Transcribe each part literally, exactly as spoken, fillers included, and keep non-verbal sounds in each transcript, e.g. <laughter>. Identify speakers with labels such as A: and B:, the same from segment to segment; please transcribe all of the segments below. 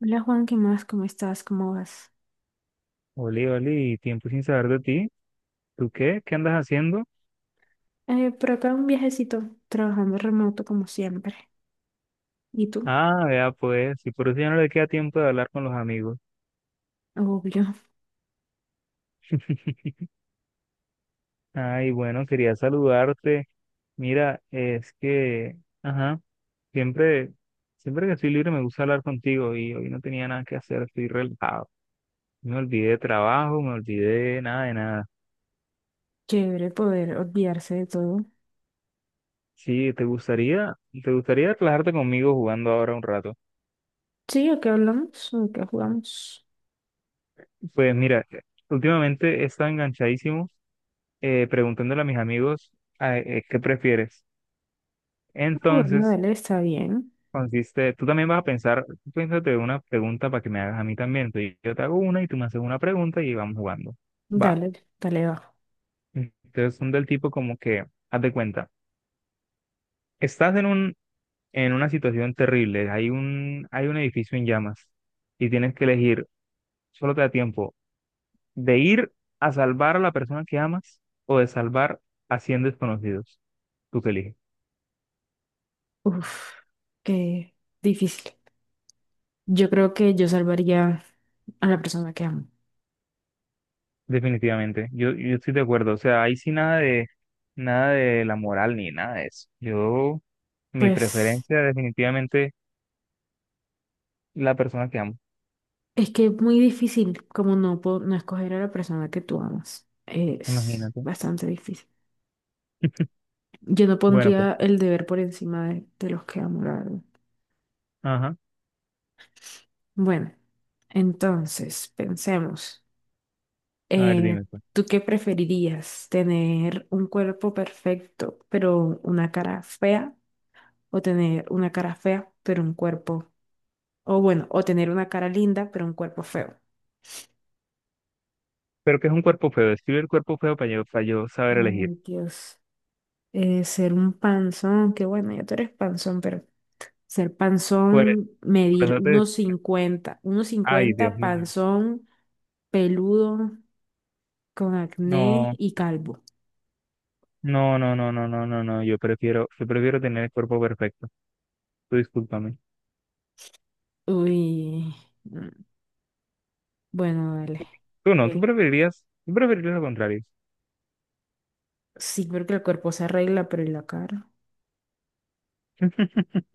A: Hola Juan, ¿qué más? ¿Cómo estás? ¿Cómo vas?
B: Oli, Oli, tiempo sin saber de ti. ¿Tú qué? ¿Qué andas haciendo?
A: Eh, por acá un viajecito, trabajando remoto como siempre. ¿Y tú?
B: Ah, vea pues, y por eso ya no le queda tiempo de hablar con los amigos.
A: Obvio.
B: <laughs> Ay, bueno, quería saludarte. Mira, es que, ajá, siempre, siempre que estoy libre me gusta hablar contigo y hoy no tenía nada que hacer, estoy relajado. Me olvidé de trabajo, me olvidé de nada de nada.
A: <laughs> Chévere poder olvidarse de todo.
B: Sí, ¿te gustaría, te gustaría relajarte conmigo jugando ahora un rato?
A: Sí, ¿a qué hablamos? ¿A qué jugamos?
B: Pues mira, últimamente he estado enganchadísimo eh, preguntándole a mis amigos ah, eh, qué prefieres.
A: Ah, bueno,
B: Entonces,
A: dale, está bien.
B: consiste, tú también vas a pensar, tú piénsate una pregunta para que me hagas a mí también. Entonces, yo te hago una y tú me haces una pregunta y vamos jugando. Va.
A: Dale, dale, va.
B: Entonces, son del tipo como que, haz de cuenta, estás en un, en una situación terrible, hay un, hay un edificio en llamas y tienes que elegir, solo te da tiempo, de ir a salvar a la persona que amas o de salvar a cien desconocidos. ¿Tú que eliges?
A: Uf, qué difícil. Yo creo que yo salvaría a la persona que amo.
B: Definitivamente, yo, yo estoy de acuerdo, o sea, ahí sí nada de nada de la moral ni nada de eso. Yo, mi
A: Pues
B: preferencia definitivamente la persona que amo,
A: es que es muy difícil como no, po- no escoger a la persona que tú amas. Es
B: imagínate.
A: bastante difícil. Yo no
B: Bueno, pues,
A: pondría el deber por encima de, de los que amo, la verdad.
B: ajá,
A: Bueno, entonces, pensemos.
B: a ver,
A: Eh,
B: dime pues.
A: ¿tú qué preferirías? ¿Tener un cuerpo perfecto, pero una cara fea? ¿O tener una cara fea, pero un cuerpo? O bueno, o tener una cara linda, pero un cuerpo feo?
B: Pero que es un cuerpo feo, escribe el cuerpo feo para yo, para yo, saber elegir.
A: Ay, Dios. eh, ser un panzón, que bueno, ya tú eres panzón, pero ser
B: Por,
A: panzón,
B: por
A: medir
B: eso te
A: unos
B: decía,
A: cincuenta unos
B: ay, Dios
A: cincuenta
B: mío.
A: panzón, peludo, con acné
B: No,
A: y calvo.
B: no, no, no, no, no, no, no, yo prefiero, yo prefiero tener el cuerpo perfecto. Tú discúlpame.
A: Uy, mm, bueno, dale.
B: Tú no, tú
A: Eh,
B: preferirías, tú preferirías lo contrario.
A: sí, porque el cuerpo se arregla, pero ¿y la cara?
B: <laughs>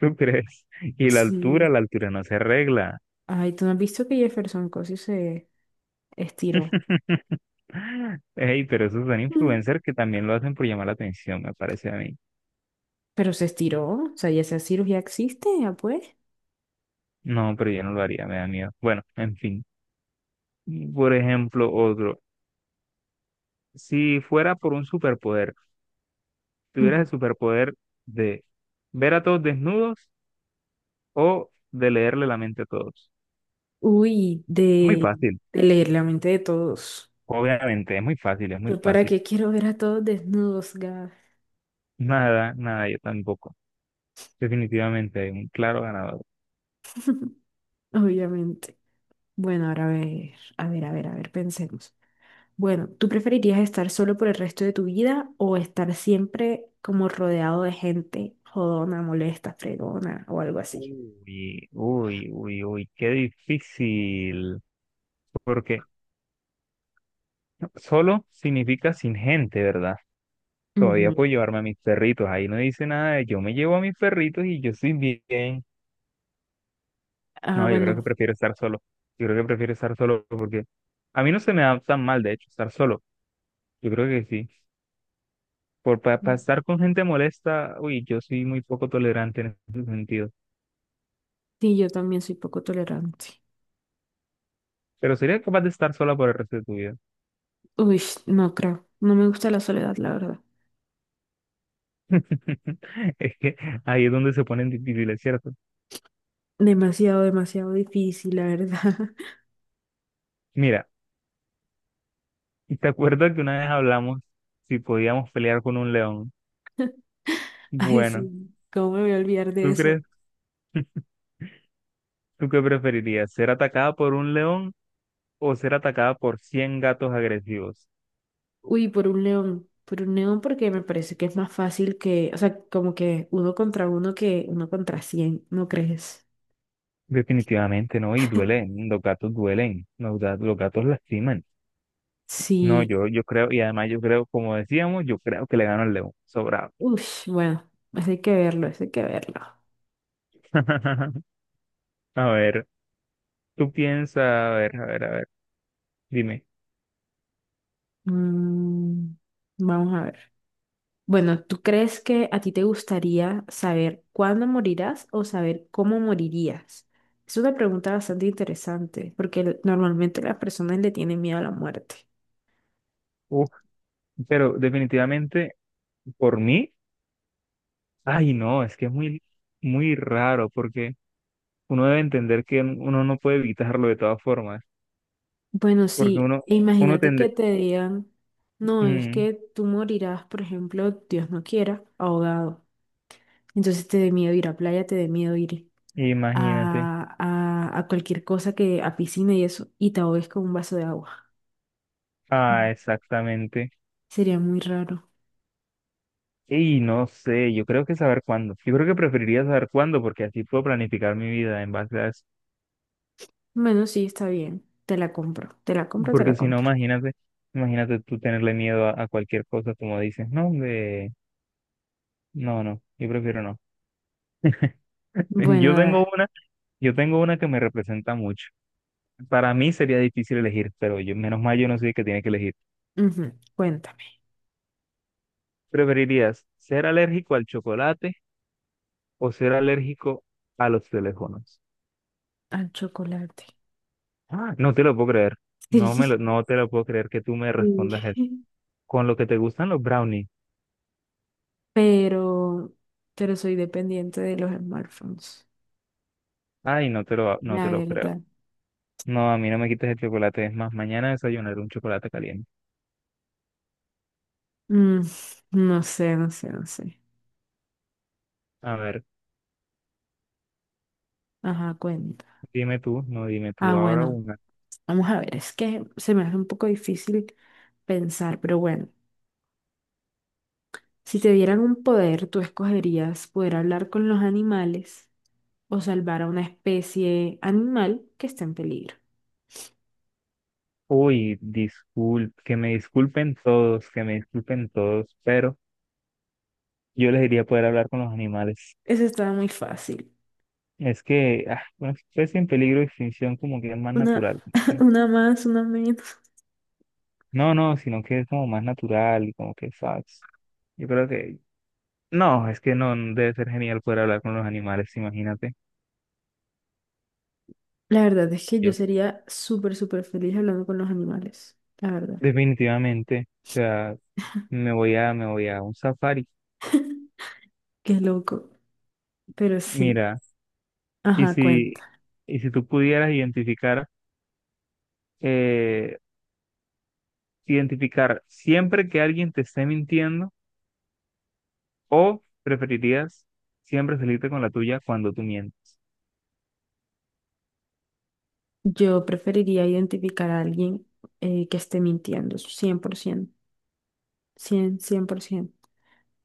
B: ¿Tú crees? Y la altura,
A: Sí.
B: la altura no se arregla.
A: Ay, ¿tú no has visto que Jefferson Cosio se estiró?
B: <laughs> Ey, pero esos son
A: Mm.
B: influencers que también lo hacen por llamar la atención, me parece a mí.
A: Pero se estiró, o sea, ya esa cirugía existe, ya pues.
B: No, pero yo no lo haría, me da miedo. Bueno, en fin. Por ejemplo, otro. Si fuera por un superpoder, tuvieras el superpoder de ver a todos desnudos o de leerle la mente a todos.
A: Uy,
B: Muy
A: de,
B: fácil,
A: de leer la mente de todos.
B: obviamente, es muy fácil, es muy
A: ¿Yo para
B: fácil.
A: qué quiero ver a todos desnudos, Gab?
B: Nada, nada, yo tampoco. Definitivamente, un claro ganador.
A: Obviamente. Bueno, ahora a ver, a ver, a ver, a ver, pensemos. Bueno, ¿tú preferirías estar solo por el resto de tu vida o estar siempre como rodeado de gente jodona, molesta, fregona o algo así?
B: Uy, uy, uy, uy, qué difícil. Porque solo significa sin gente, ¿verdad? Todavía
A: Ujú.
B: puedo llevarme a mis perritos. Ahí no dice nada de yo me llevo a mis perritos y yo estoy bien.
A: Ah,
B: No, yo creo que
A: bueno,
B: prefiero estar solo. Yo creo que prefiero estar solo porque a mí no se me da tan mal, de hecho, estar solo. Yo creo que sí. Por para estar con gente molesta, uy, yo soy muy poco tolerante en ese sentido.
A: sí, yo también soy poco tolerante.
B: Pero sería capaz de estar sola por el resto de tu vida.
A: Uy, no creo. No me gusta la soledad, la verdad.
B: <laughs> Es que ahí es donde se ponen difíciles, ¿cierto?
A: Demasiado, demasiado difícil, la verdad. <laughs>
B: Mira, ¿te acuerdas que una vez hablamos si podíamos pelear con un león?
A: <laughs> Ay,
B: Bueno,
A: sí, ¿cómo me voy a olvidar de
B: ¿tú
A: eso?
B: crees, tú qué preferirías? ¿Ser atacada por un león o ser atacada por cien gatos agresivos?
A: Uy, por un león, por un león porque me parece que es más fácil que, o sea, como que uno contra uno que uno contra cien, ¿no crees?
B: Definitivamente no, y duelen, los gatos duelen, los gatos, los gatos lastiman. No,
A: Sí,
B: yo, yo creo, y además yo creo, como decíamos, yo creo que le gano al león, sobrado.
A: uy, bueno, eso hay que verlo, eso hay que verlo.
B: <laughs> A ver, tú piensas, a ver, a ver, a ver, dime.
A: Mm, vamos a ver. Bueno, ¿tú crees que a ti te gustaría saber cuándo morirás o saber cómo morirías? Es una pregunta bastante interesante porque normalmente las personas le tienen miedo a la muerte.
B: Uf, pero definitivamente por mí, ay no, es que es muy, muy raro porque uno debe entender que uno no puede evitarlo de todas formas.
A: Bueno,
B: Porque
A: sí,
B: uno,
A: e
B: uno
A: imagínate que
B: tende,
A: te digan, no, es
B: mm,
A: que tú morirás, por ejemplo, Dios no quiera, ahogado. Entonces te dé miedo ir a playa, te dé miedo ir
B: imagínate,
A: a, a, a cualquier cosa que, a piscina y eso, y te ahogues con un vaso de agua.
B: ah,
A: Mm.
B: exactamente.
A: Sería muy raro.
B: Y no sé, yo creo que saber cuándo. Yo creo que preferiría saber cuándo, porque así puedo planificar mi vida en base a eso.
A: Bueno, sí, está bien. Te la compro, te la compro, te
B: Porque
A: la
B: si no,
A: compro.
B: imagínate, imagínate, tú tenerle miedo a, a cualquier cosa, como dices, no, de, no, no, yo prefiero no. <laughs> Yo
A: Bueno,
B: tengo
A: da-
B: una, yo tengo una que me representa mucho. Para mí sería difícil elegir, pero yo, menos mal yo no soy el que tiene que elegir.
A: ujú, cuéntame.
B: ¿Preferirías ser alérgico al chocolate o ser alérgico a los teléfonos?
A: Al chocolate.
B: Ah, no te lo puedo creer.
A: <laughs>
B: No me lo,
A: Sí.
B: no te lo puedo creer que tú me
A: Sí.
B: respondas eso. Con lo que te gustan los brownies.
A: Pero, pero soy dependiente de los smartphones.
B: Ay, no te lo, no te
A: La
B: lo creo.
A: verdad.
B: No, a mí no me quites el chocolate. Es más, mañana desayunaré un chocolate caliente.
A: Mm, no sé, no sé, no sé.
B: A ver,
A: Ajá, cuenta.
B: dime tú, no dime
A: Ah,
B: tú ahora
A: bueno,
B: una.
A: vamos a ver, es que se me hace un poco difícil pensar, pero bueno, si te dieran un poder, ¿tú escogerías poder hablar con los animales o salvar a una especie animal que está en peligro?
B: Uy, disculpe, que me disculpen todos, que me disculpen todos, pero yo les diría poder hablar con los animales.
A: Eso estaba muy fácil.
B: Es que ah, una especie en peligro de extinción como que es más
A: Una,
B: natural.
A: <laughs> una más, una menos.
B: No, no, sino que es como más natural y como que, ¿sabes? Yo creo que, no, es que no, no debe ser genial poder hablar con los animales, imagínate.
A: La verdad es que yo
B: Yo
A: sería súper, súper feliz hablando con los animales. La verdad.
B: definitivamente, o sea, me voy a, me voy a un safari.
A: <laughs> Qué loco. Pero sí.
B: Mira, y
A: Ajá,
B: si,
A: cuenta.
B: y si tú pudieras identificar, eh, identificar siempre que alguien te esté mintiendo, o preferirías siempre salirte con la tuya cuando tú mientes.
A: Yo preferiría identificar a alguien eh, que esté mintiendo, cien cien por ciento, cien cien por cien por ciento.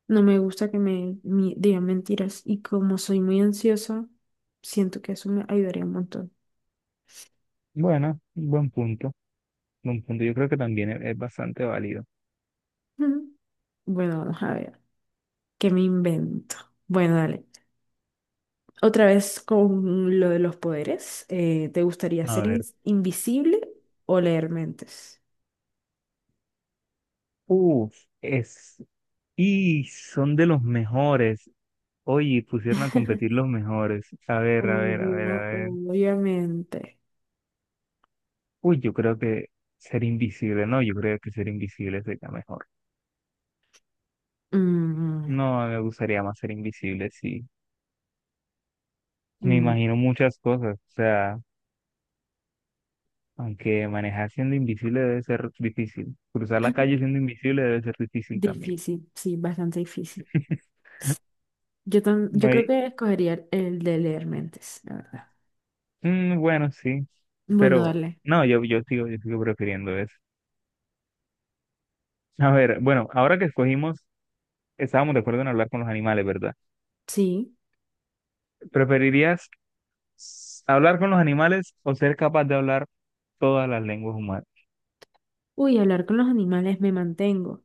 A: No me gusta que me mi- digan mentiras y como soy muy ansiosa, siento que eso me ayudaría un montón.
B: Bueno, buen punto, buen punto. Yo creo que también es es bastante válido.
A: Ujú. Bueno, vamos a ver, ¿qué me invento? Bueno, dale. Otra vez con lo de los poderes, eh, ¿te gustaría
B: A
A: ser in-
B: ver.
A: invisible o leer mentes?
B: Uf, es, y son de los mejores. Oye, pusieron a competir
A: <laughs>
B: los mejores. A ver, a ver, a ver, a
A: Obvio-
B: ver.
A: obviamente.
B: Uy, yo creo que ser invisible, no, yo creo que ser invisible sería mejor.
A: Mm,
B: No, me gustaría más ser invisible, sí. Me
A: mm,
B: imagino muchas cosas, o sea, aunque manejar siendo invisible debe ser difícil. Cruzar la calle siendo invisible debe ser difícil también.
A: Difícil, sí, bastante difícil.
B: <laughs>
A: Yo, tam-
B: No
A: yo creo
B: hay-
A: que escogería el de leer mentes, la verdad.
B: mm, bueno, sí,
A: Bueno,
B: pero
A: darle.
B: no, yo, yo sigo, yo sigo prefiriendo eso. A ver, bueno, ahora que escogimos. Estábamos de acuerdo en hablar con los animales, ¿verdad?
A: Sí.
B: ¿Preferirías s- hablar con los animales o ser capaz de hablar todas las lenguas humanas?
A: Uy, hablar con los animales me mantengo.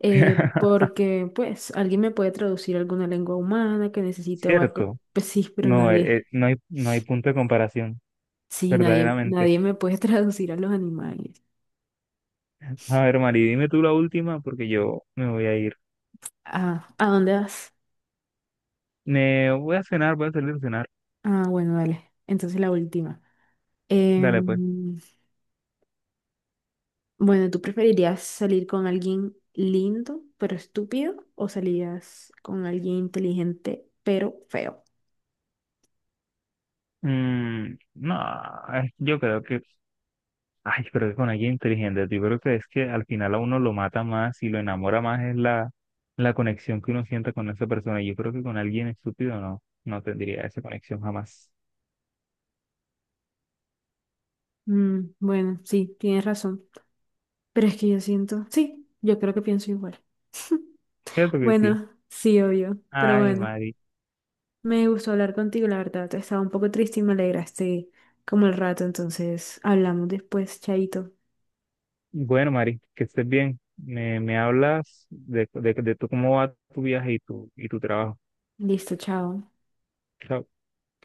A: Eh,
B: <laughs>
A: porque, pues, alguien me puede traducir alguna lengua humana que necesite o algo.
B: Cierto.
A: Pues sí, pero
B: No, eh, eh,
A: nadie.
B: no hay, no hay, punto de comparación,
A: Sí, nadie,
B: verdaderamente.
A: nadie me puede <laughs> traducir a los animales.
B: A ver, Mari, dime tú la última porque yo me voy a ir.
A: Ah, ¿a dónde vas?
B: Me voy a cenar, voy a salir a cenar.
A: Ah, bueno, dale. Entonces la última.
B: Dale, pues.
A: Em, Bueno, ¿tú preferirías salir con alguien lindo pero estúpido o salías con alguien inteligente pero feo?
B: Mm, no, eh, yo creo que. Ay, pero es con alguien inteligente. Yo creo que es que al final a uno lo mata más y lo enamora más es la, la, conexión que uno siente con esa persona. Yo creo que con alguien estúpido no, no tendría esa conexión jamás.
A: Mm, bueno, sí, tienes razón. Pero es que yo siento, sí, yo creo que pienso igual.
B: Cierto que sí.
A: Bueno, sí, obvio, pero
B: Ay,
A: bueno,
B: Mari.
A: me gustó hablar contigo, la verdad. Estaba un poco triste y me alegraste como el rato, entonces hablamos después, chaito.
B: Bueno, Mari, que estés bien. Me, me hablas de, de, de, tú, cómo va tu viaje y tu, y tu trabajo.
A: Listo, chao.
B: Chao.